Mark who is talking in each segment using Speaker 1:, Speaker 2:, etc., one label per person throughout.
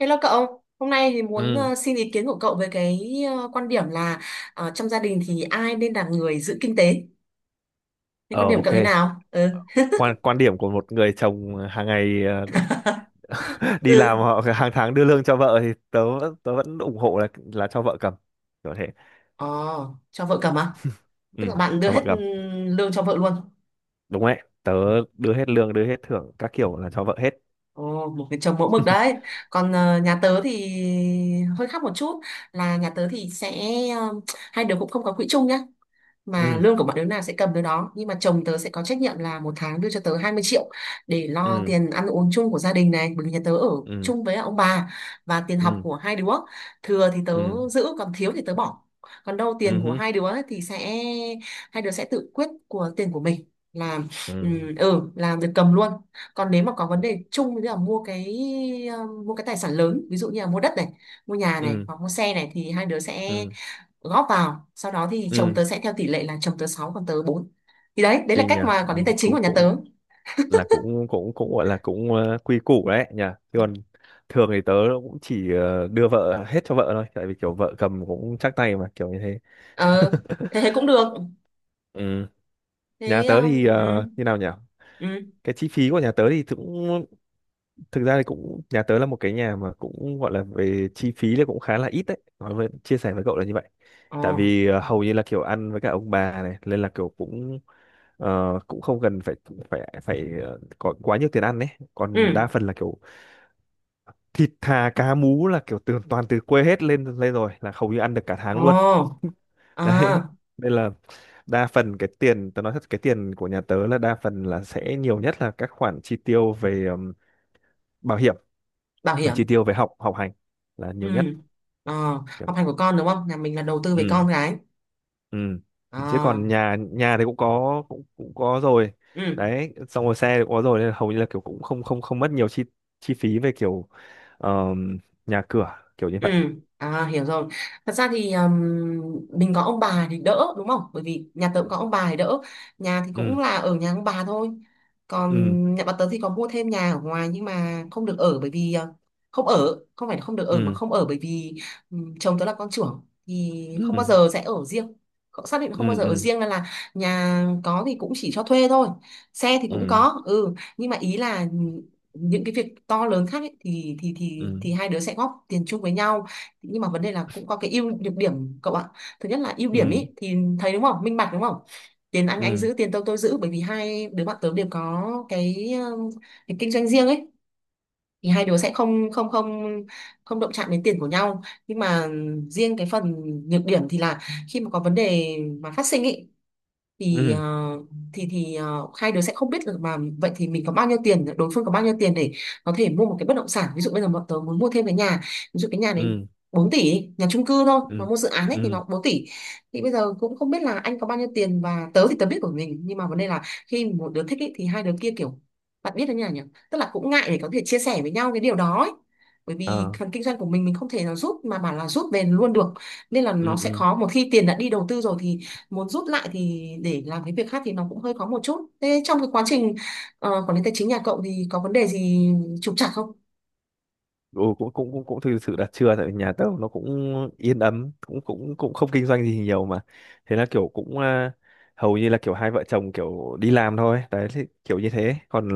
Speaker 1: Hello cậu, hôm nay thì muốn
Speaker 2: Ừ.
Speaker 1: xin ý kiến của cậu về quan điểm là trong gia đình thì ai nên là người giữ kinh tế? Thì quan
Speaker 2: Ờ,
Speaker 1: điểm
Speaker 2: ok.
Speaker 1: cậu thế nào? Ừ.
Speaker 2: Quan quan điểm của một người chồng hàng ngày đi làm
Speaker 1: Ừ.
Speaker 2: họ hàng tháng đưa lương cho vợ thì tớ vẫn ủng hộ là cho vợ cầm. Kiểu thế.
Speaker 1: Ồ, cho vợ cầm à? Tức
Speaker 2: Ừ,
Speaker 1: là bạn đưa
Speaker 2: cho vợ
Speaker 1: hết, ừ,
Speaker 2: cầm.
Speaker 1: lương cho vợ luôn.
Speaker 2: Đúng đấy. Tớ đưa hết lương, đưa hết thưởng các kiểu là cho vợ hết.
Speaker 1: Ồ, một cái chồng mẫu mực đấy. Còn nhà tớ thì hơi khác một chút, là nhà tớ thì sẽ, ờ, hai đứa cũng không có quỹ chung nhá. Mà
Speaker 2: Ừ.
Speaker 1: lương của bọn đứa nào sẽ cầm đứa đó, nhưng mà chồng tớ sẽ có trách nhiệm là một tháng đưa cho tớ 20 triệu để lo
Speaker 2: Ừ.
Speaker 1: tiền ăn uống chung của gia đình này, bởi vì nhà tớ ở
Speaker 2: Ừ.
Speaker 1: chung với ông bà, và tiền học
Speaker 2: Ừ.
Speaker 1: của hai đứa. Thừa thì tớ
Speaker 2: Ừ.
Speaker 1: giữ, còn thiếu thì tớ bỏ. Còn đâu
Speaker 2: Ừ
Speaker 1: tiền của
Speaker 2: hứ.
Speaker 1: hai đứa ấy thì sẽ, hai đứa sẽ tự quyết của tiền của mình, là, ừ,
Speaker 2: Ừ.
Speaker 1: ừ làm việc cầm luôn. Còn nếu mà có vấn đề chung như là mua cái, mua cái tài sản lớn ví dụ như là mua đất này, mua nhà này
Speaker 2: Ừ.
Speaker 1: hoặc mua xe này, thì hai đứa sẽ
Speaker 2: Ừ.
Speaker 1: góp vào, sau đó thì chồng
Speaker 2: Ừ.
Speaker 1: tớ sẽ theo tỷ lệ là chồng tớ 6 còn tớ bốn. Thì đấy, đấy là
Speaker 2: Kinh nhỉ.
Speaker 1: cách mà
Speaker 2: Ừ.
Speaker 1: quản lý tài chính của
Speaker 2: Cũng
Speaker 1: nhà
Speaker 2: cũng
Speaker 1: tớ.
Speaker 2: là cũng cũng cũng gọi là cũng quy củ đấy nhỉ. Thế còn thường thì tớ cũng chỉ đưa vợ hết cho vợ thôi, tại vì kiểu vợ cầm cũng chắc tay mà, kiểu như thế.
Speaker 1: Ờ, thế thế cũng được.
Speaker 2: Ừ. Nhà
Speaker 1: Thế
Speaker 2: tớ
Speaker 1: ờ,
Speaker 2: thì
Speaker 1: ừ ừ.
Speaker 2: như nào nhỉ,
Speaker 1: Ừ.
Speaker 2: cái chi phí của nhà tớ thì cũng, thực ra thì cũng, nhà tớ là một cái nhà mà cũng gọi là về chi phí thì cũng khá là ít đấy, nói với chia sẻ với cậu là như vậy.
Speaker 1: Ờ.
Speaker 2: Tại vì hầu như là kiểu ăn với cả ông bà này nên là kiểu cũng cũng không cần phải phải phải ờ, có quá nhiều tiền ăn đấy. Còn đa
Speaker 1: Ừ.
Speaker 2: phần là kiểu thịt thà cá mú là kiểu từ toàn từ quê hết lên lên rồi là hầu như ăn được cả tháng luôn.
Speaker 1: Ờ.
Speaker 2: Đấy
Speaker 1: À,
Speaker 2: nên là đa phần cái tiền, tớ nói thật, cái tiền của nhà tớ là đa phần là sẽ nhiều nhất là các khoản chi tiêu về bảo hiểm
Speaker 1: bảo
Speaker 2: và
Speaker 1: hiểm.
Speaker 2: chi tiêu về học học hành là
Speaker 1: Ừ.
Speaker 2: nhiều nhất.
Speaker 1: Ờ,
Speaker 2: Kiểu.
Speaker 1: học hành của con đúng không, nhà mình là đầu tư về
Speaker 2: Ừ.
Speaker 1: con cái.
Speaker 2: Ừ.
Speaker 1: Ờ.
Speaker 2: Chứ còn nhà nhà thì cũng có, cũng cũng có rồi,
Speaker 1: Ừ.
Speaker 2: đấy, xong rồi xe thì cũng có rồi, nên là hầu như là kiểu cũng không không không mất nhiều chi chi phí về kiểu ờm, nhà cửa, kiểu như
Speaker 1: Ừ,
Speaker 2: vậy.
Speaker 1: à, hiểu rồi. Thật ra thì mình có ông bà thì đỡ đúng không? Bởi vì nhà tớ cũng có ông bà thì đỡ. Nhà thì cũng
Speaker 2: Ừ.
Speaker 1: là ở nhà ông bà thôi. Còn
Speaker 2: Ừ.
Speaker 1: nhà bà tớ thì có mua thêm nhà ở ngoài, nhưng mà không được ở bởi vì không ở, không phải là không được ở mà
Speaker 2: Ừ.
Speaker 1: không ở, bởi vì chồng tớ là con trưởng thì không bao
Speaker 2: Ừ.
Speaker 1: giờ sẽ ở riêng. Cậu xác định không bao
Speaker 2: Ừ.
Speaker 1: giờ ở
Speaker 2: Ừ.
Speaker 1: riêng, nên là nhà có thì cũng chỉ cho thuê thôi. Xe thì cũng
Speaker 2: Ừ.
Speaker 1: có, ừ, nhưng mà ý là những cái việc to lớn khác ấy, thì thì thì
Speaker 2: Ừ.
Speaker 1: thì hai đứa sẽ góp tiền chung với nhau, nhưng mà vấn đề là cũng có cái ưu nhược điểm cậu ạ. Thứ nhất là ưu điểm
Speaker 2: Ừ.
Speaker 1: ấy thì thấy đúng không, minh bạch đúng không, tiền anh
Speaker 2: Ừ.
Speaker 1: giữ tiền tôi giữ, bởi vì hai đứa bạn tớ đều có cái kinh doanh riêng ấy, thì hai đứa sẽ không không động chạm đến tiền của nhau. Nhưng mà riêng cái phần nhược điểm thì là khi mà có vấn đề mà phát sinh ý, thì
Speaker 2: Ừ.
Speaker 1: thì hai đứa sẽ không biết được, mà vậy thì mình có bao nhiêu tiền, đối phương có bao nhiêu tiền để có thể mua một cái bất động sản. Ví dụ bây giờ bọn tớ muốn mua thêm cái nhà, ví dụ cái nhà
Speaker 2: Ừ.
Speaker 1: đấy
Speaker 2: Ừ.
Speaker 1: 4 tỷ đi, nhà chung cư thôi mà
Speaker 2: Ừ.
Speaker 1: mua dự án ấy thì
Speaker 2: Ừ,
Speaker 1: nó 4 tỷ. Thì bây giờ cũng không biết là anh có bao nhiêu tiền, và tớ thì tớ biết của mình, nhưng mà vấn đề là khi một đứa thích ý, thì hai đứa kia kiểu, bạn biết đấy nhỉ, nhỉ, tức là cũng ngại để có thể chia sẻ với nhau cái điều đó ấy. Bởi vì
Speaker 2: ờ,
Speaker 1: phần kinh doanh của mình không thể nào rút mà bảo là rút về luôn được, nên là nó
Speaker 2: ừ.
Speaker 1: sẽ
Speaker 2: Ừ.
Speaker 1: khó. Một khi tiền đã đi đầu tư rồi thì muốn rút lại thì để làm cái việc khác thì nó cũng hơi khó một chút. Thế trong cái quá trình quản lý tài chính nhà cậu thì có vấn đề gì trục trặc không?
Speaker 2: Ừ, cũng cũng cũng cũng thực sự là chưa, tại vì nhà tớ nó cũng yên ấm, cũng cũng cũng không kinh doanh gì nhiều mà, thế là kiểu cũng, à, hầu như là kiểu hai vợ chồng kiểu đi làm thôi đấy, thì kiểu như thế. Còn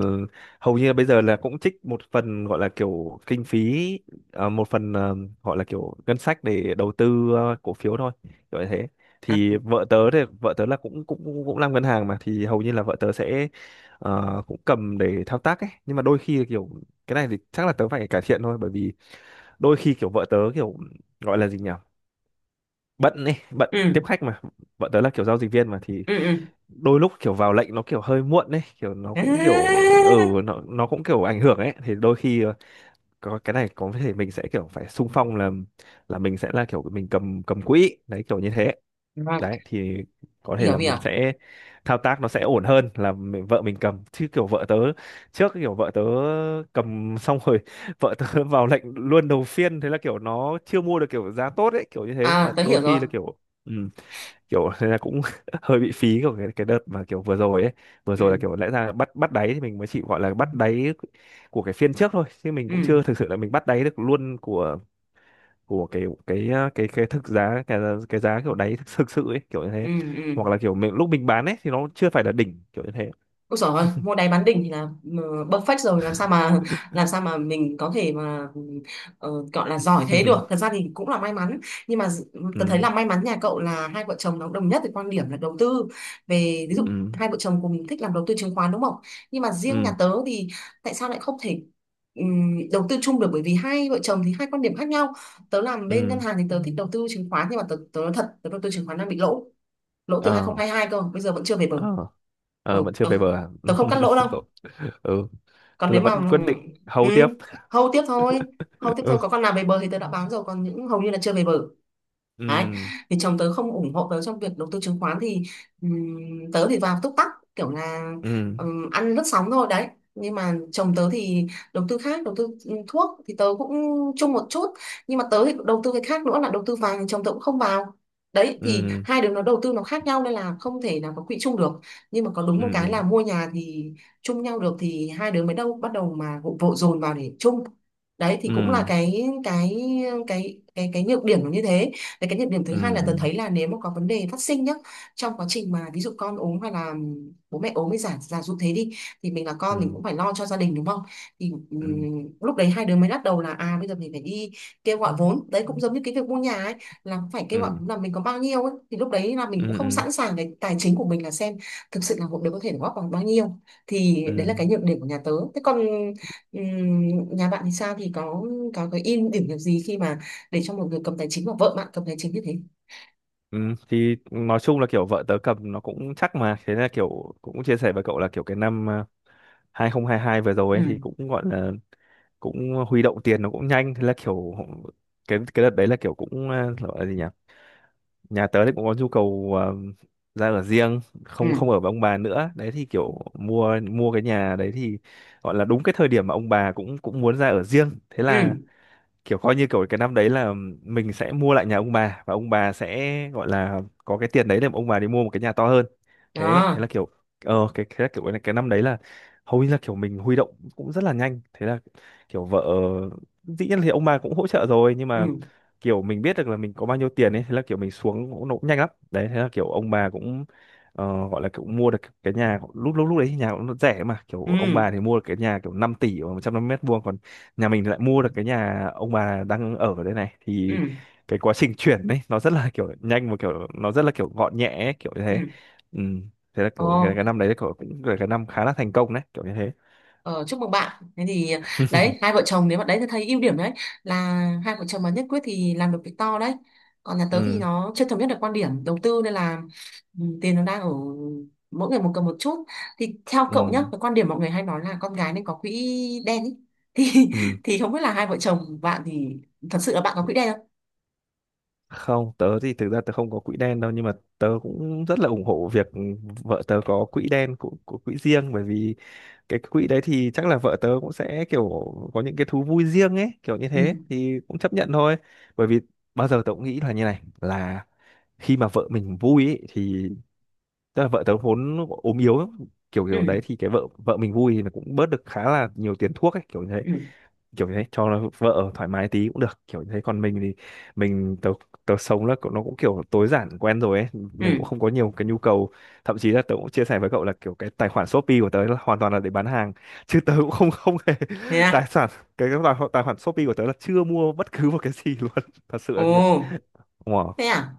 Speaker 2: hầu như là bây giờ là cũng trích một phần gọi là kiểu kinh phí, à, một phần, à, gọi là kiểu ngân sách để đầu tư, à, cổ phiếu thôi, kiểu như thế.
Speaker 1: À,
Speaker 2: Thì vợ tớ, thì vợ tớ là cũng cũng cũng cũng làm ngân hàng mà, thì hầu như là vợ tớ sẽ cũng cầm để thao tác ấy, nhưng mà đôi khi là kiểu, cái này thì chắc là tớ phải cải thiện thôi, bởi vì đôi khi kiểu vợ tớ kiểu, gọi là gì nhỉ, bận ấy, bận
Speaker 1: ừ
Speaker 2: tiếp khách mà, vợ tớ là kiểu giao dịch viên mà, thì
Speaker 1: ừ. Ừ.
Speaker 2: đôi lúc kiểu vào lệnh nó kiểu hơi muộn ấy, kiểu nó cũng kiểu,
Speaker 1: À,
Speaker 2: ừ, nó cũng kiểu ảnh hưởng ấy, thì đôi khi có cái này có thể mình sẽ kiểu phải xung phong là mình sẽ là kiểu mình cầm cầm quỹ đấy, kiểu như thế.
Speaker 1: vâng,
Speaker 2: Đấy thì có thể
Speaker 1: hiểu
Speaker 2: là
Speaker 1: hiểu.
Speaker 2: mình sẽ thao tác nó sẽ ổn hơn là mình, vợ mình cầm, chứ kiểu vợ tớ trước, kiểu vợ tớ cầm xong rồi, vợ tớ vào lệnh luôn đầu phiên, thế là kiểu nó chưa mua được kiểu giá tốt ấy, kiểu như thế,
Speaker 1: À
Speaker 2: là
Speaker 1: tớ
Speaker 2: đôi
Speaker 1: hiểu rồi.
Speaker 2: khi là kiểu, ừ, kiểu thế là cũng hơi bị phí của cái đợt mà kiểu vừa rồi ấy. Vừa rồi là
Speaker 1: Ừ
Speaker 2: kiểu lẽ ra bắt bắt đáy thì mình mới chỉ gọi là bắt đáy của cái phiên trước thôi, chứ mình cũng chưa
Speaker 1: ừ.
Speaker 2: thực sự là mình bắt đáy được luôn của của cái thực giá, cái giá kiểu đáy thực, thực sự ấy, kiểu như
Speaker 1: Ừ
Speaker 2: thế.
Speaker 1: ừ.
Speaker 2: Hoặc là kiểu mình lúc mình bán ấy thì nó chưa phải là đỉnh, kiểu như thế.
Speaker 1: Ôi giời ơi, mua đáy bán đỉnh thì là, ờ, perfect rồi. Làm sao mà làm sao mà mình có thể mà, gọi là giỏi thế được, thật ra thì cũng là may mắn. Nhưng mà tớ
Speaker 2: Ừ.
Speaker 1: thấy là may mắn nhà cậu là hai vợ chồng nó cũng đồng nhất về quan điểm là đầu tư, về ví
Speaker 2: Ừ.
Speaker 1: dụ hai vợ chồng cùng thích làm đầu tư chứng khoán đúng không. Nhưng mà riêng nhà
Speaker 2: Ừ.
Speaker 1: tớ thì tại sao lại không thể đầu tư chung được, bởi vì hai vợ chồng thì hai quan điểm khác nhau. Tớ làm bên ngân
Speaker 2: Ừ.
Speaker 1: hàng thì tớ thích đầu tư chứng khoán, nhưng mà tớ tớ nói thật, tớ đầu tư chứng khoán đang bị lỗ lỗ từ
Speaker 2: Ờ.
Speaker 1: 2022 cơ, bây giờ vẫn chưa về bờ.
Speaker 2: Ờ. Ờ
Speaker 1: Ừ,
Speaker 2: vẫn chưa
Speaker 1: tớ,
Speaker 2: về bờ à?
Speaker 1: tớ không cắt lỗ đâu.
Speaker 2: Cậu- ừ,
Speaker 1: Còn
Speaker 2: tức là
Speaker 1: nếu mà,
Speaker 2: vẫn quyết định
Speaker 1: ừ,
Speaker 2: hầu tiếp.
Speaker 1: hâu tiếp thôi. Hâu tiếp
Speaker 2: Ừ.
Speaker 1: thôi, có con nào về bờ thì tớ đã bán rồi, còn những hầu như là chưa về bờ. Đấy,
Speaker 2: Ừ.
Speaker 1: thì chồng tớ không ủng hộ tớ trong việc đầu tư chứng khoán, thì tớ thì vào túc tắc, kiểu là
Speaker 2: Ừ.
Speaker 1: ăn lướt sóng thôi đấy. Nhưng mà chồng tớ thì đầu tư khác, đầu tư, ừ, thuốc thì tớ cũng chung một chút, nhưng mà tớ thì đầu tư cái khác nữa là đầu tư vàng, chồng tớ cũng không vào. Đấy, thì hai đứa nó đầu tư nó khác nhau nên là không thể nào có quỹ chung được. Nhưng mà có đúng một cái
Speaker 2: Ừ.
Speaker 1: là mua nhà thì chung nhau được, thì hai đứa mới đâu bắt đầu mà vội vội dồn vào để chung. Đấy, thì
Speaker 2: Ừ.
Speaker 1: cũng là cái cái nhược điểm nó như thế. Đấy, cái nhược điểm thứ
Speaker 2: Ừ.
Speaker 1: hai là, Ừ,
Speaker 2: Ừ.
Speaker 1: tớ thấy là nếu mà có vấn đề phát sinh nhá, trong quá trình mà ví dụ con ốm hay là bố mẹ ốm, mới giả giả dụ thế đi, thì mình là con mình
Speaker 2: Ừ.
Speaker 1: cũng phải lo cho gia đình đúng không. Thì
Speaker 2: Ừ.
Speaker 1: lúc đấy hai đứa mới bắt đầu là à bây giờ mình phải đi kêu gọi vốn, đấy cũng giống như cái việc mua nhà ấy, là cũng phải kêu gọi
Speaker 2: Ừ.
Speaker 1: vốn là mình có bao nhiêu ấy. Thì lúc đấy là mình
Speaker 2: Ừ.
Speaker 1: cũng
Speaker 2: Ừ. Ừ.
Speaker 1: không
Speaker 2: Ừ.
Speaker 1: sẵn sàng cái tài chính của mình là xem thực sự là một đứa có thể góp bằng bao nhiêu. Thì
Speaker 2: Ừ.
Speaker 1: đấy là cái nhược điểm của nhà tớ. Thế còn nhà bạn thì sao, thì có cái ưu điểm được gì khi mà để cho một người cầm tài chính, và vợ bạn cầm tài chính như thế?
Speaker 2: Ừ, thì nói chung là kiểu vợ tớ cầm nó cũng chắc mà, thế là kiểu cũng chia sẻ với cậu là kiểu, cái năm 2022 vừa rồi
Speaker 1: Ừ.
Speaker 2: ấy, thì cũng gọi là cũng huy động tiền nó cũng nhanh, thế là kiểu cái đợt đấy là kiểu cũng gọi là gì nhỉ, nhà tớ thì cũng có nhu cầu ra ở riêng, không
Speaker 1: Ừ.
Speaker 2: không ở với ông bà nữa đấy, thì kiểu mua mua cái nhà đấy thì gọi là đúng cái thời điểm mà ông bà cũng cũng muốn ra ở riêng, thế
Speaker 1: Ừ.
Speaker 2: là kiểu coi như kiểu cái năm đấy là mình sẽ mua lại nhà ông bà, và ông bà sẽ gọi là có cái tiền đấy để mà ông bà đi mua một cái nhà to hơn. Thế thế là
Speaker 1: Đó.
Speaker 2: kiểu, cái năm đấy là hầu như là kiểu mình huy động cũng rất là nhanh, thế là kiểu vợ, dĩ nhiên thì ông bà cũng hỗ trợ rồi, nhưng
Speaker 1: Ừ
Speaker 2: mà kiểu mình biết được là mình có bao nhiêu tiền ấy, thế là kiểu mình xuống cũng nó cũng nhanh lắm đấy, thế là kiểu ông bà cũng gọi là kiểu mua được cái nhà lúc lúc lúc đấy thì nhà cũng rẻ mà, kiểu
Speaker 1: ừ
Speaker 2: ông bà thì mua được cái nhà kiểu 5 tỷ và 150 mét vuông, nhà mình lại mua được cái nhà ông bà đang ở ở đây này,
Speaker 1: ừ
Speaker 2: thì cái quá trình chuyển đấy nó rất là kiểu nhanh và kiểu nó rất là kiểu gọn nhẹ ấy, kiểu như
Speaker 1: ừ.
Speaker 2: thế. Ừ. Thế là kiểu
Speaker 1: Ồ.
Speaker 2: cái năm đấy kiểu cũng là cái năm khá là thành công đấy, kiểu như thế.
Speaker 1: Ờ, chúc mừng bạn. Thế thì đấy, hai vợ chồng nếu bạn đấy thì thấy ưu điểm đấy, là hai vợ chồng mà nhất quyết thì làm được việc to đấy. Còn nhà tớ thì
Speaker 2: Ừ.
Speaker 1: nó chưa thống nhất được quan điểm đầu tư nên là, ừ, tiền nó đang ở mỗi người một cầm một chút. Thì theo cậu nhá,
Speaker 2: Ừ.
Speaker 1: cái quan điểm mọi người hay nói là con gái nên có quỹ đen ý. Thì
Speaker 2: Ừ.
Speaker 1: thì không biết là hai vợ chồng bạn thì thật sự là bạn có quỹ đen không?
Speaker 2: Không, tớ thì thực ra tớ không có quỹ đen đâu, nhưng mà tớ cũng rất là ủng hộ việc vợ tớ có quỹ đen của quỹ riêng, bởi vì cái quỹ đấy thì chắc là vợ tớ cũng sẽ kiểu có những cái thú vui riêng ấy, kiểu như
Speaker 1: Ừ.
Speaker 2: thế thì cũng chấp nhận thôi. Bởi vì bao giờ tớ cũng nghĩ là như này là khi mà vợ mình vui ấy, thì tức là vợ tớ vốn ốm yếu, kiểu
Speaker 1: Ừ.
Speaker 2: kiểu đấy, thì cái vợ vợ mình vui thì nó cũng bớt được khá là nhiều tiền thuốc ấy, kiểu như thế,
Speaker 1: Ừ.
Speaker 2: kiểu như thế, cho nó vợ thoải mái tí cũng được, kiểu như thế. Còn mình thì, mình tớ tớ sống là, cậu- nó cũng kiểu tối giản quen rồi ấy, mình
Speaker 1: Ừ.
Speaker 2: cũng không có nhiều cái nhu cầu. Thậm chí là tớ cũng chia sẻ với cậu là kiểu cái tài khoản Shopee của tớ là hoàn toàn là để bán hàng chứ tớ cũng không không hề
Speaker 1: Thế
Speaker 2: tài
Speaker 1: à?
Speaker 2: sản, cái tài, tài khoản Shopee của tớ là chưa mua bất cứ một cái gì luôn, thật sự là
Speaker 1: Ồ.
Speaker 2: như vậy. Wow.
Speaker 1: Thế à?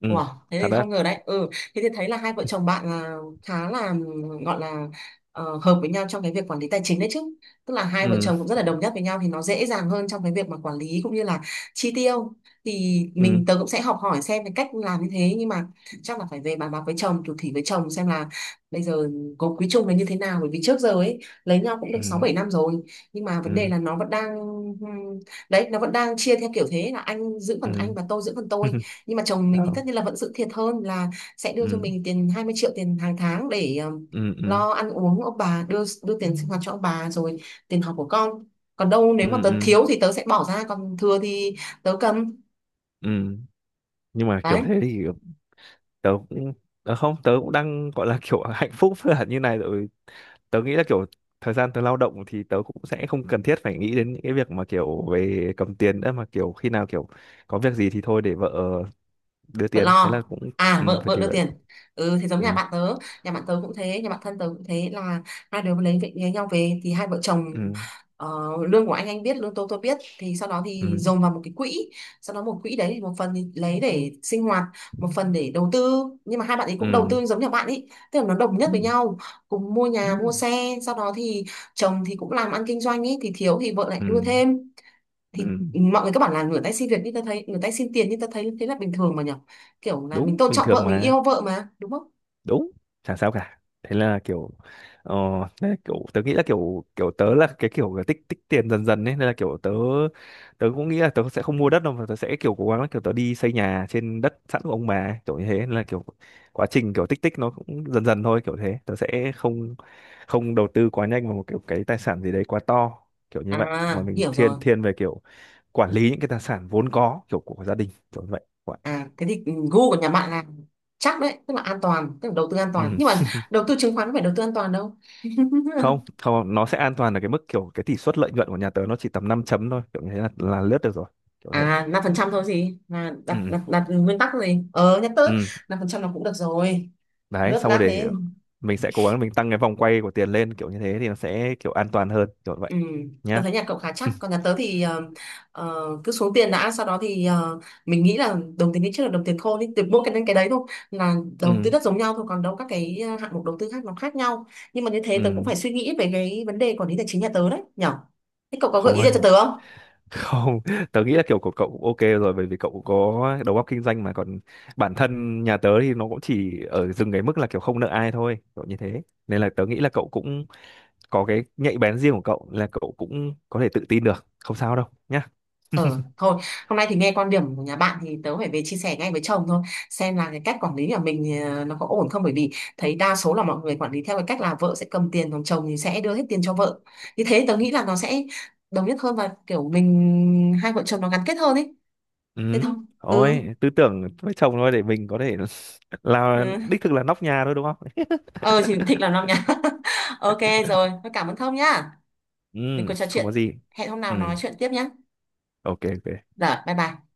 Speaker 2: Ừ,
Speaker 1: Wow, thế
Speaker 2: thật
Speaker 1: thì
Speaker 2: đấy.
Speaker 1: không ngờ đấy. Ừ, thế thì thấy là hai vợ chồng bạn là khá là gọi là, hợp với nhau trong cái việc quản lý tài chính đấy chứ. Tức là hai vợ
Speaker 2: Ừ.
Speaker 1: chồng cũng rất là đồng nhất với nhau thì nó dễ dàng hơn trong cái việc mà quản lý cũng như là chi tiêu. Thì
Speaker 2: Ừ.
Speaker 1: mình tớ cũng sẽ học hỏi xem cái cách làm như thế, nhưng mà chắc là phải về bàn bạc với chồng, thủ thỉ với chồng xem là bây giờ có quý chung là như thế nào, bởi vì trước giờ ấy lấy nhau cũng được
Speaker 2: Ừ.
Speaker 1: 6 7 năm rồi, nhưng mà vấn đề
Speaker 2: Ừ.
Speaker 1: là nó vẫn đang ừm, đấy, nó vẫn đang chia theo kiểu thế, là anh giữ phần anh
Speaker 2: Ừ.
Speaker 1: và tôi giữ phần tôi ấy. Nhưng mà chồng mình thì
Speaker 2: Đó.
Speaker 1: tất nhiên là vẫn giữ thiệt hơn, là sẽ đưa cho
Speaker 2: Ừ.
Speaker 1: mình tiền 20 triệu tiền hàng tháng để
Speaker 2: Ừ. Ừ.
Speaker 1: lo ăn uống, ông bà đưa đưa tiền sinh hoạt cho ông bà rồi, tiền học của con. Còn đâu
Speaker 2: Ừ.
Speaker 1: nếu mà tớ
Speaker 2: Ừ.
Speaker 1: thiếu thì tớ sẽ bỏ ra, còn thừa thì tớ cầm.
Speaker 2: Ừ. Nhưng mà kiểu
Speaker 1: Đấy.
Speaker 2: thế thì tớ cũng, tớ không, tớ cũng đang gọi là kiểu hạnh phúc là như này rồi. Tớ nghĩ là kiểu thời gian tớ lao động thì tớ cũng sẽ không cần thiết phải nghĩ đến những cái việc mà kiểu về cầm tiền nữa, mà kiểu khi nào kiểu có việc gì thì thôi để vợ đưa
Speaker 1: Vợ
Speaker 2: tiền, thế
Speaker 1: lo.
Speaker 2: là cũng,
Speaker 1: À
Speaker 2: ừ,
Speaker 1: vợ
Speaker 2: phải
Speaker 1: vợ
Speaker 2: thì
Speaker 1: đưa
Speaker 2: vợ.
Speaker 1: tiền. Ừ, thì giống nhà
Speaker 2: Ừ.
Speaker 1: bạn tớ. Nhà bạn tớ cũng thế, nhà bạn thân tớ cũng thế, là hai đứa lấy việc lấy nhau về thì hai vợ chồng,
Speaker 2: Ừ.
Speaker 1: ờ, lương của anh biết, lương tôi biết, thì sau đó thì
Speaker 2: Ừ.
Speaker 1: dồn vào một cái quỹ. Sau đó một quỹ đấy thì một phần thì lấy để sinh hoạt, một phần để đầu tư. Nhưng mà hai bạn ấy cũng đầu
Speaker 2: Ừ.
Speaker 1: tư giống nhà bạn ấy, tức là nó đồng nhất
Speaker 2: Ừ.
Speaker 1: với
Speaker 2: Ừ.
Speaker 1: nhau, cùng mua
Speaker 2: Ừ.
Speaker 1: nhà mua xe. Sau đó thì chồng thì cũng làm ăn kinh doanh ấy thì thiếu thì vợ lại
Speaker 2: Ừ.
Speaker 1: đưa thêm.
Speaker 2: Ừ,
Speaker 1: Thì mọi người các bạn là rửa tay xin việc, nhưng ta thấy rửa tay xin tiền nhưng ta thấy thế là bình thường mà nhở, kiểu là mình
Speaker 2: đúng,
Speaker 1: tôn
Speaker 2: bình
Speaker 1: trọng
Speaker 2: thường
Speaker 1: vợ mình
Speaker 2: mà.
Speaker 1: yêu vợ mà đúng không.
Speaker 2: Đúng, chẳng sao cả. Thế là kiểu ờ, thế là kiểu tớ nghĩ là kiểu kiểu tớ là cái kiểu là tích tích tiền dần dần ấy, nên là kiểu tớ, tớ cũng nghĩ là tớ sẽ không mua đất đâu mà tớ sẽ kiểu cố gắng là kiểu tớ đi xây nhà trên đất sẵn của ông bà ấy, kiểu như thế. Nên là kiểu quá trình kiểu tích tích nó cũng dần dần thôi, kiểu thế tớ sẽ không không đầu tư quá nhanh vào một kiểu cái tài sản gì đấy quá to, kiểu như vậy, mà
Speaker 1: À
Speaker 2: mình
Speaker 1: hiểu
Speaker 2: thiên
Speaker 1: rồi.
Speaker 2: thiên về kiểu quản lý những cái tài sản vốn có kiểu của gia đình, kiểu như vậy. Vậy.
Speaker 1: À thế thì, ừ, gu của nhà bạn là chắc đấy, tức là an toàn, tức là đầu tư an toàn.
Speaker 2: Ừ.
Speaker 1: Nhưng mà đầu tư chứng khoán có phải đầu tư an toàn đâu.
Speaker 2: Không, không, nó sẽ an toàn ở cái mức kiểu cái tỷ suất lợi nhuận của nhà tớ nó chỉ tầm 5 chấm thôi, kiểu như thế là lướt được rồi, kiểu thế.
Speaker 1: À 5% thôi, gì mà đặt
Speaker 2: Ừ.
Speaker 1: đặt đặt nguyên tắc gì ờ nhắc tới.
Speaker 2: Ừ.
Speaker 1: 5% là cũng được rồi,
Speaker 2: Đấy,
Speaker 1: lướt
Speaker 2: xong rồi
Speaker 1: lát
Speaker 2: để
Speaker 1: thế.
Speaker 2: mình sẽ cố gắng mình tăng cái vòng quay của tiền lên, kiểu như thế thì nó sẽ kiểu an toàn hơn, kiểu vậy
Speaker 1: Ừ, tớ
Speaker 2: nhá.
Speaker 1: thấy nhà cậu khá chắc, còn nhà tớ thì cứ xuống tiền đã, sau đó thì mình nghĩ là đồng tiền đi trước là đồng tiền khôn ý, từ mỗi cái đến cái đấy thôi, là đầu tư
Speaker 2: Ừ.
Speaker 1: đất giống nhau thôi, còn đâu các cái hạng mục đầu tư khác nó khác nhau. Nhưng mà như thế tớ cũng
Speaker 2: Ừ.
Speaker 1: phải suy nghĩ về cái vấn đề quản lý tài chính nhà tớ đấy nhở. Thế cậu có gợi
Speaker 2: Không
Speaker 1: ý gì cho
Speaker 2: hơn.
Speaker 1: tớ không?
Speaker 2: Không, tớ nghĩ là kiểu của cậu cũng ok rồi, bởi vì cậu cũng có đầu óc kinh doanh mà. Còn bản thân nhà tớ thì nó cũng chỉ ở dừng cái mức là kiểu không nợ ai thôi, kiểu như thế, nên là tớ nghĩ là cậu cũng có cái nhạy bén riêng của cậu, là cậu cũng có thể tự tin được, không sao đâu nhá.
Speaker 1: Ờ, thôi, hôm nay thì nghe quan điểm của nhà bạn thì tớ phải về chia sẻ ngay với chồng thôi, xem là cái cách quản lý của mình, nó có ổn không, bởi vì thấy đa số là mọi người quản lý theo cái cách là vợ sẽ cầm tiền, còn chồng thì sẽ đưa hết tiền cho vợ. Như thế tớ nghĩ là nó sẽ đồng nhất hơn, và kiểu mình hai vợ chồng nó gắn kết hơn ấy.
Speaker 2: Ừ.
Speaker 1: Thế thôi. Ừ.
Speaker 2: Ôi, tư tưởng với chồng thôi, để mình có thể là
Speaker 1: Ừ.
Speaker 2: đích thực là nóc nhà thôi đúng không?
Speaker 1: Ờ thì thích làm năm nhá ok rồi, thôi cảm ơn Thông nhá, mình
Speaker 2: Ừ.
Speaker 1: còn trò
Speaker 2: Không có
Speaker 1: chuyện.
Speaker 2: gì.
Speaker 1: Hẹn hôm nào
Speaker 2: Ừ.
Speaker 1: nói chuyện tiếp nhá.
Speaker 2: Ok, ok.
Speaker 1: Rồi bye bye.